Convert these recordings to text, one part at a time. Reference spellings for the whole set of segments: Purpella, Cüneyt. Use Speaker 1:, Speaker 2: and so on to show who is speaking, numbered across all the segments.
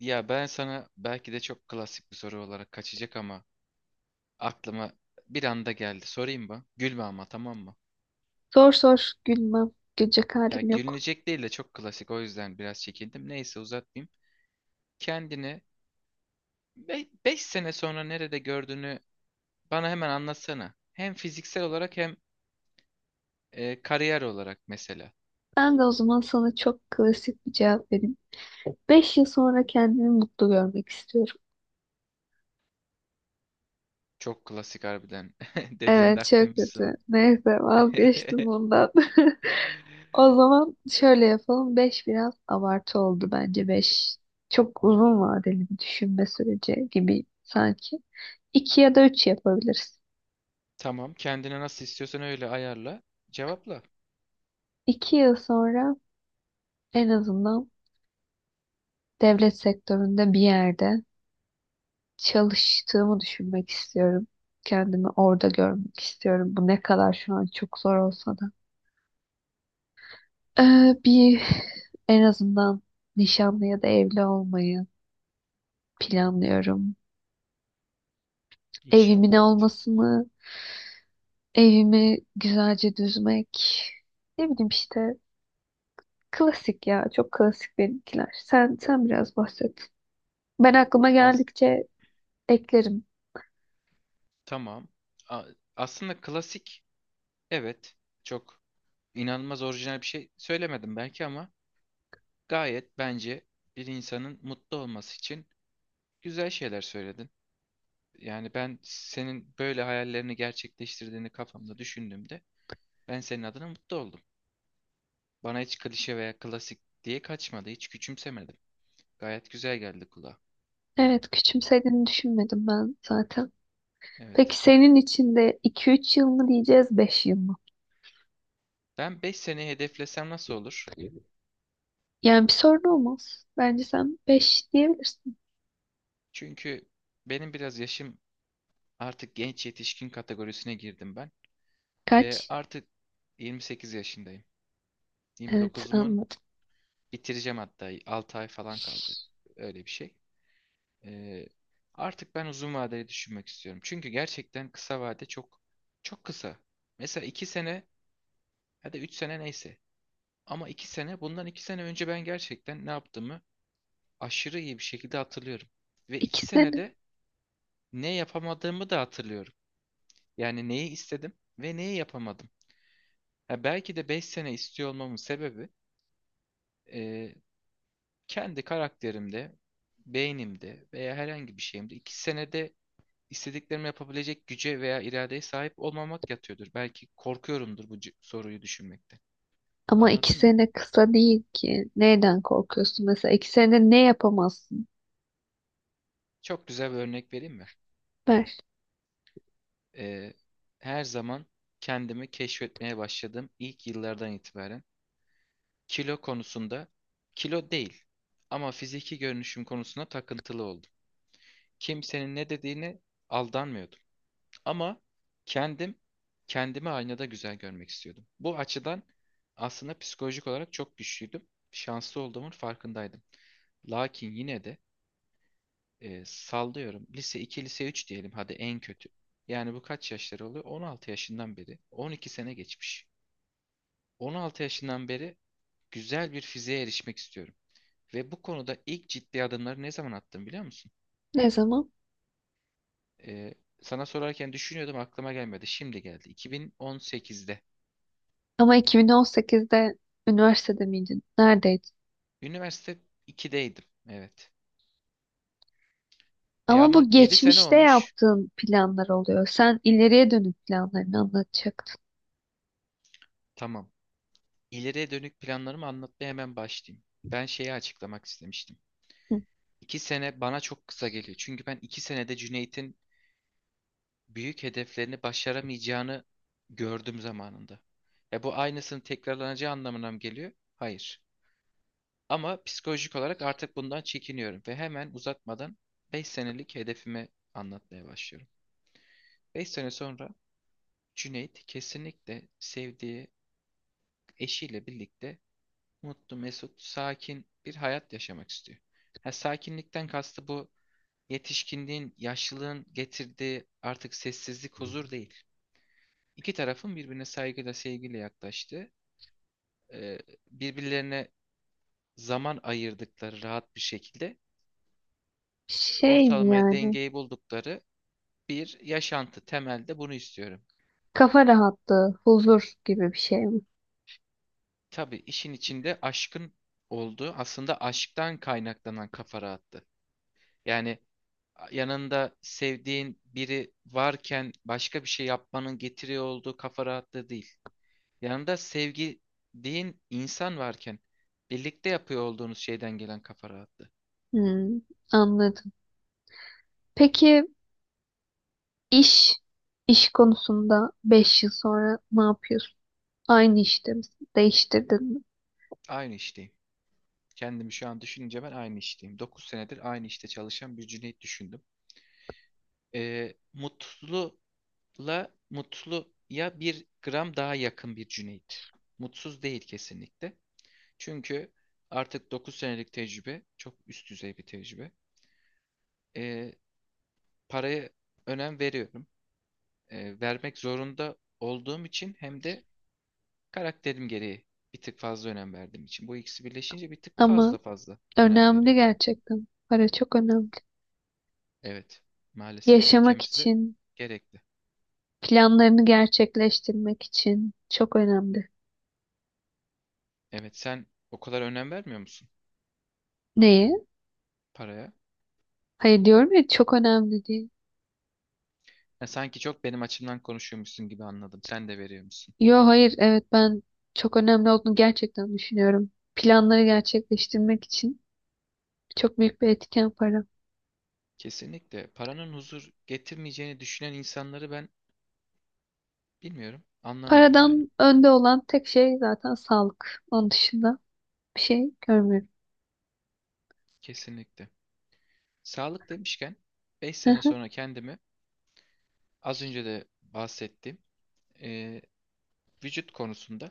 Speaker 1: Ya ben sana belki de çok klasik bir soru olarak kaçacak ama aklıma bir anda geldi. Sorayım mı? Gülme ama tamam mı?
Speaker 2: Sor sor gülmem. Gülecek
Speaker 1: Ya
Speaker 2: halim yok.
Speaker 1: gülünecek değil de çok klasik o yüzden biraz çekindim. Neyse uzatmayayım. Kendini 5 sene sonra nerede gördüğünü bana hemen anlatsana. Hem fiziksel olarak hem kariyer olarak mesela.
Speaker 2: Ben de o zaman sana çok klasik bir cevap vereyim. Beş yıl sonra kendimi mutlu görmek istiyorum.
Speaker 1: Çok klasik harbiden dediğinde
Speaker 2: Evet, çok kötü.
Speaker 1: haklıymışsın.
Speaker 2: Neyse vazgeçtim bundan. O zaman şöyle yapalım. Beş biraz abartı oldu bence. Beş çok uzun vadeli bir düşünme süreci gibi sanki. İki ya da üç yapabiliriz.
Speaker 1: Tamam kendine nasıl istiyorsan öyle ayarla. Cevapla.
Speaker 2: İki yıl sonra en azından devlet sektöründe bir yerde çalıştığımı düşünmek istiyorum. Kendimi orada görmek istiyorum. Bu ne kadar şu an çok zor olsa da. Bir en azından nişanlı ya da evli olmayı planlıyorum. Evimin
Speaker 1: İnşallah evet.
Speaker 2: olmasını, evimi güzelce düzmek. Ne bileyim işte klasik ya. Çok klasik benimkiler. Sen biraz bahset. Ben aklıma
Speaker 1: Az.
Speaker 2: geldikçe eklerim.
Speaker 1: Tamam. A- Aslında klasik, evet, çok inanılmaz orijinal bir şey söylemedim belki ama gayet bence bir insanın mutlu olması için güzel şeyler söyledin. Yani ben senin böyle hayallerini gerçekleştirdiğini kafamda düşündüğümde ben senin adına mutlu oldum. Bana hiç klişe veya klasik diye kaçmadı, hiç küçümsemedim. Gayet güzel geldi kulağa.
Speaker 2: Evet, küçümsediğini düşünmedim ben zaten.
Speaker 1: Evet.
Speaker 2: Peki senin için de 2-3 yıl mı diyeceğiz, beş yıl mı?
Speaker 1: Ben 5 seneyi hedeflesem nasıl olur?
Speaker 2: Yani bir sorun olmaz. Bence sen 5 diyebilirsin.
Speaker 1: Çünkü benim biraz yaşım artık genç yetişkin kategorisine girdim ben. Ve
Speaker 2: Kaç?
Speaker 1: artık 28 yaşındayım.
Speaker 2: Evet,
Speaker 1: 29'umun
Speaker 2: anladım.
Speaker 1: bitireceğim hatta 6 ay falan kaldı. Öyle bir şey. Ee, Artık ben uzun vadeli düşünmek istiyorum. Çünkü gerçekten kısa vade çok çok kısa. Mesela 2 sene ya da 3 sene neyse. Ama 2 sene, bundan 2 sene önce, ben gerçekten ne yaptığımı aşırı iyi bir şekilde hatırlıyorum. Ve 2
Speaker 2: İki sene.
Speaker 1: senede ne yapamadığımı da hatırlıyorum. Yani neyi istedim ve neyi yapamadım. Ha, belki de 5 sene istiyor olmamın sebebi e, kendi karakterimde, beynimde veya herhangi bir şeyimde iki senede istediklerimi yapabilecek güce veya iradeye sahip olmamak yatıyordur. Belki korkuyorumdur bu soruyu düşünmekte.
Speaker 2: Ama 2
Speaker 1: Anladın mı?
Speaker 2: sene kısa değil ki. Neyden korkuyorsun? Mesela 2 sene ne yapamazsın?
Speaker 1: Çok güzel bir örnek vereyim mi?
Speaker 2: Ver.
Speaker 1: Ee, Her zaman kendimi keşfetmeye başladığım ilk yıllardan itibaren kilo konusunda, kilo değil ama fiziki görünüşüm konusunda takıntılı oldum. Kimsenin ne dediğine aldanmıyordum. Ama kendim kendimi aynada güzel görmek istiyordum. Bu açıdan aslında psikolojik olarak çok güçlüydüm. Şanslı olduğumun farkındaydım. Lakin yine de sallıyorum. Lise iki, lise 3 diyelim hadi en kötü. Yani bu kaç yaşları oluyor? 16 yaşından beri. 12 sene geçmiş. 16 yaşından beri güzel bir fiziğe erişmek istiyorum. Ve bu konuda ilk ciddi adımları ne zaman attım biliyor musun?
Speaker 2: Ne zaman?
Speaker 1: E, Sana sorarken düşünüyordum, aklıma gelmedi. Şimdi geldi. 2018'de.
Speaker 2: Ama 2018'de üniversitede miydin? Neredeydin?
Speaker 1: Üniversite 2'deydim. Evet. E
Speaker 2: Ama
Speaker 1: ama
Speaker 2: bu
Speaker 1: 7 sene
Speaker 2: geçmişte
Speaker 1: olmuş.
Speaker 2: yaptığın planlar oluyor. Sen ileriye dönük planlarını anlatacaktın.
Speaker 1: Tamam. İleriye dönük planlarımı anlatmaya hemen başlayayım. Ben şeyi açıklamak istemiştim.
Speaker 2: Hı.
Speaker 1: 2 sene bana çok kısa geliyor. Çünkü ben 2 senede Cüneyt'in büyük hedeflerini başaramayacağını gördüm zamanında. E bu aynısının tekrarlanacağı anlamına mı geliyor? Hayır. Ama psikolojik olarak artık bundan çekiniyorum ve hemen uzatmadan 5 senelik hedefimi anlatmaya başlıyorum. 5 sene sonra Cüneyt kesinlikle sevdiği eşiyle birlikte mutlu, mesut, sakin bir hayat yaşamak istiyor. Ha, sakinlikten kastı bu yetişkinliğin, yaşlılığın getirdiği artık sessizlik, huzur değil. İki tarafın birbirine saygıyla, sevgiyle yaklaştığı, e, birbirlerine zaman ayırdıkları rahat bir şekilde
Speaker 2: Şey mi
Speaker 1: ortalamaya
Speaker 2: yani?
Speaker 1: dengeyi buldukları bir yaşantı. Temelde bunu istiyorum.
Speaker 2: Kafa rahatlığı, huzur gibi bir şey mi?
Speaker 1: Tabii işin içinde aşkın olduğu, aslında aşktan kaynaklanan kafa rahattı. Yani yanında sevdiğin biri varken başka bir şey yapmanın getiriyor olduğu kafa rahatlığı değil. Yanında sevdiğin insan varken birlikte yapıyor olduğunuz şeyden gelen kafa rahatlığı.
Speaker 2: Hmm, anladım. Peki iş iş konusunda beş yıl sonra ne yapıyorsun? Aynı işte misin? Değiştirdin mi?
Speaker 1: Aynı işteyim. Kendimi şu an düşününce ben aynı işteyim. 9 senedir aynı işte çalışan bir Cüneyt düşündüm. Mutlula Mutluya bir gram daha yakın bir Cüneyt. Mutsuz değil kesinlikle. Çünkü artık 9 senelik tecrübe çok üst düzey bir tecrübe. Ee, Paraya önem veriyorum. Vermek zorunda olduğum için, hem de karakterim gereği bir tık fazla önem verdiğim için. Bu ikisi birleşince bir tık
Speaker 2: Ama
Speaker 1: fazla önem
Speaker 2: önemli
Speaker 1: veriyorum.
Speaker 2: gerçekten. Para çok önemli.
Speaker 1: Evet, maalesef
Speaker 2: Yaşamak
Speaker 1: ülkemizde
Speaker 2: için,
Speaker 1: gerekli.
Speaker 2: planlarını gerçekleştirmek için çok önemli.
Speaker 1: Evet, sen o kadar önem vermiyor musun
Speaker 2: Neye?
Speaker 1: paraya?
Speaker 2: Hayır, diyorum ya, çok önemli değil.
Speaker 1: Ya sanki çok benim açımdan konuşuyormuşsun gibi anladım. Sen de veriyor musun?
Speaker 2: Yo hayır, evet, ben çok önemli olduğunu gerçekten düşünüyorum. Planları gerçekleştirmek için çok büyük bir etken para.
Speaker 1: Kesinlikle. Paranın huzur getirmeyeceğini düşünen insanları ben bilmiyorum, anlamıyorum yani.
Speaker 2: Paradan önde olan tek şey zaten sağlık. Onun dışında bir şey görmüyorum.
Speaker 1: Kesinlikle. Sağlık demişken 5 sene sonra kendimi, az önce de bahsettiğim e, vücut konusunda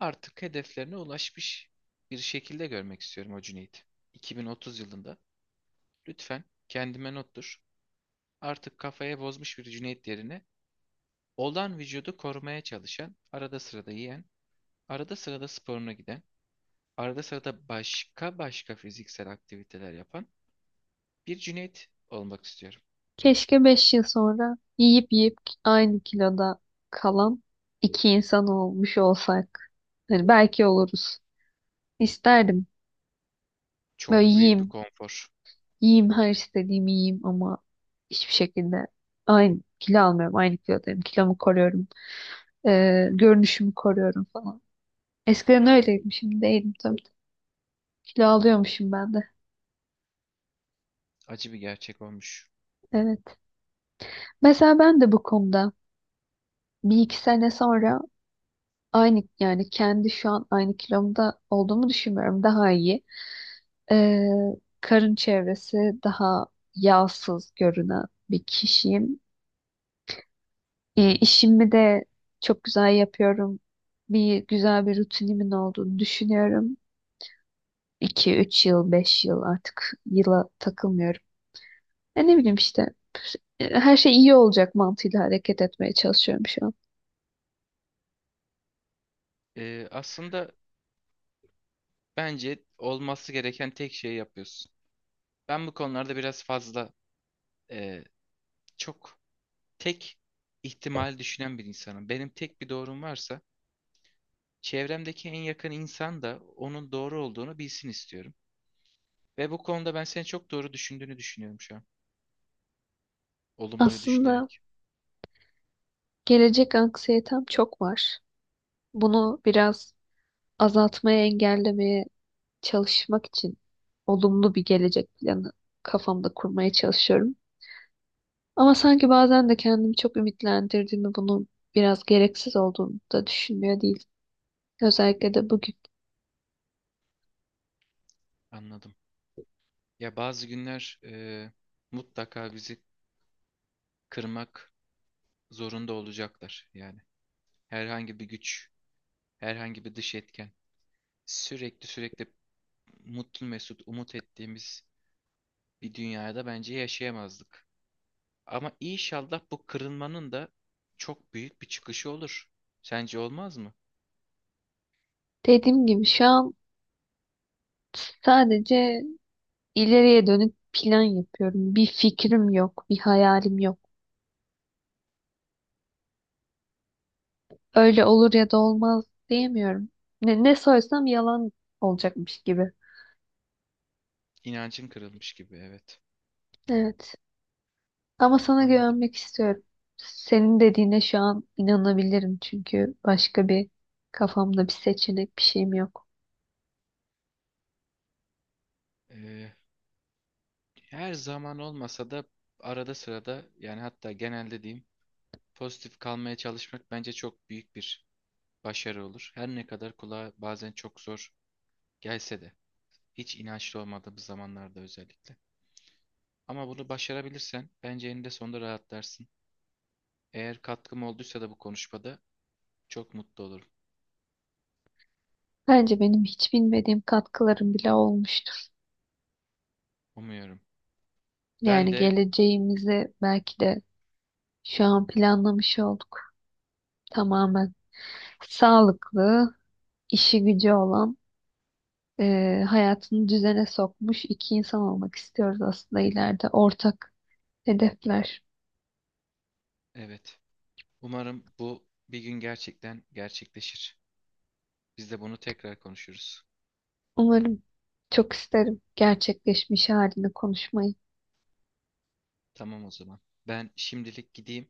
Speaker 1: artık hedeflerine ulaşmış bir şekilde görmek istiyorum o Cüneyt. 2030 yılında, lütfen kendime nottur. Artık kafaya bozmuş bir Cüneyt yerine, olan vücudu korumaya çalışan, arada sırada yiyen, arada sırada sporuna giden, arada sırada başka başka fiziksel aktiviteler yapan bir Cüneyt olmak istiyorum.
Speaker 2: Keşke 5 yıl sonra yiyip yiyip aynı kiloda kalan iki insan olmuş olsak. Hani belki oluruz. İsterdim. Böyle
Speaker 1: Çok büyük bir
Speaker 2: yiyeyim.
Speaker 1: konfor,
Speaker 2: Yiyeyim, her istediğimi yiyeyim ama hiçbir şekilde aynı kilo almıyorum. Aynı kilodayım. Kilomu koruyorum. Görünüşümü koruyorum falan. Eskiden öyleydim. Şimdi değilim tabii. Kilo alıyormuşum ben de.
Speaker 1: acı bir gerçek olmuş.
Speaker 2: Evet. Mesela ben de bu konuda bir iki sene sonra aynı, yani kendi şu an aynı kilomda olduğumu düşünmüyorum. Daha iyi. Ee, Karın çevresi daha yağsız görünen bir kişiyim. İşimi de çok güzel yapıyorum. Bir güzel bir rutinimin olduğunu düşünüyorum. 2 üç yıl, 5 yıl, artık yıla takılmıyorum. Ya ne bileyim işte her şey iyi olacak mantığıyla hareket etmeye çalışıyorum şu an.
Speaker 1: Aslında bence olması gereken tek şeyi yapıyorsun. Ben bu konularda biraz fazla e, çok tek ihtimal düşünen bir insanım. Benim tek bir doğrum varsa çevremdeki en yakın insan da onun doğru olduğunu bilsin istiyorum. Ve bu konuda ben seni çok doğru düşündüğünü düşünüyorum şu an. Olumluyu
Speaker 2: Aslında
Speaker 1: düşünerek,
Speaker 2: gelecek anksiyetem çok var. Bunu biraz azaltmaya, engellemeye çalışmak için olumlu bir gelecek planı kafamda kurmaya çalışıyorum. Ama sanki bazen de kendimi çok ümitlendirdiğimi, bunun biraz gereksiz olduğunu da düşünmüyor değil. Özellikle de bugün.
Speaker 1: anladım. Ya bazı günler mutlaka bizi kırmak zorunda olacaklar. Yani herhangi bir güç, herhangi bir dış etken sürekli mutlu mesut umut ettiğimiz bir dünyada bence yaşayamazdık. Ama inşallah bu kırılmanın da çok büyük bir çıkışı olur. Sence olmaz mı?
Speaker 2: Dediğim gibi şu an sadece ileriye dönük plan yapıyorum. Bir fikrim yok, bir hayalim yok. Öyle olur ya da olmaz diyemiyorum. Ne sorsam yalan olacakmış gibi.
Speaker 1: İnancın kırılmış gibi, evet.
Speaker 2: Evet. Ama sana
Speaker 1: Anladım.
Speaker 2: güvenmek istiyorum. Senin dediğine şu an inanabilirim, çünkü başka bir, kafamda bir seçenek, bir şeyim yok.
Speaker 1: Ee, Her zaman olmasa da arada sırada, yani hatta genelde diyeyim, pozitif kalmaya çalışmak bence çok büyük bir başarı olur. Her ne kadar kulağa bazen çok zor gelse de, hiç inançlı olmadığımız zamanlarda özellikle. Ama bunu başarabilirsen bence eninde sonunda rahatlarsın. Eğer katkım olduysa da bu konuşmada çok mutlu olurum.
Speaker 2: Bence benim hiç bilmediğim katkılarım bile olmuştur.
Speaker 1: Umuyorum. Ben
Speaker 2: Yani
Speaker 1: de
Speaker 2: geleceğimizi belki de şu an planlamış olduk tamamen. Sağlıklı, işi gücü olan, hayatını düzene sokmuş iki insan olmak istiyoruz aslında ileride. Ortak hedefler.
Speaker 1: evet. Umarım bu bir gün gerçekten gerçekleşir. Biz de bunu tekrar konuşuruz.
Speaker 2: Umarım, çok isterim gerçekleşmiş halini konuşmayı.
Speaker 1: Tamam o zaman. Ben şimdilik gideyim.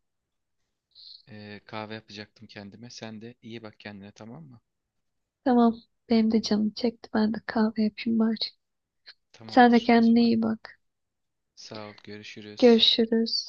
Speaker 1: Kahve yapacaktım kendime. Sen de iyi bak kendine, tamam mı?
Speaker 2: Tamam, benim de canım çekti. Ben de kahve yapayım bari. Sen de
Speaker 1: Tamamdır. O
Speaker 2: kendine
Speaker 1: zaman
Speaker 2: iyi bak.
Speaker 1: sağ ol. Görüşürüz.
Speaker 2: Görüşürüz.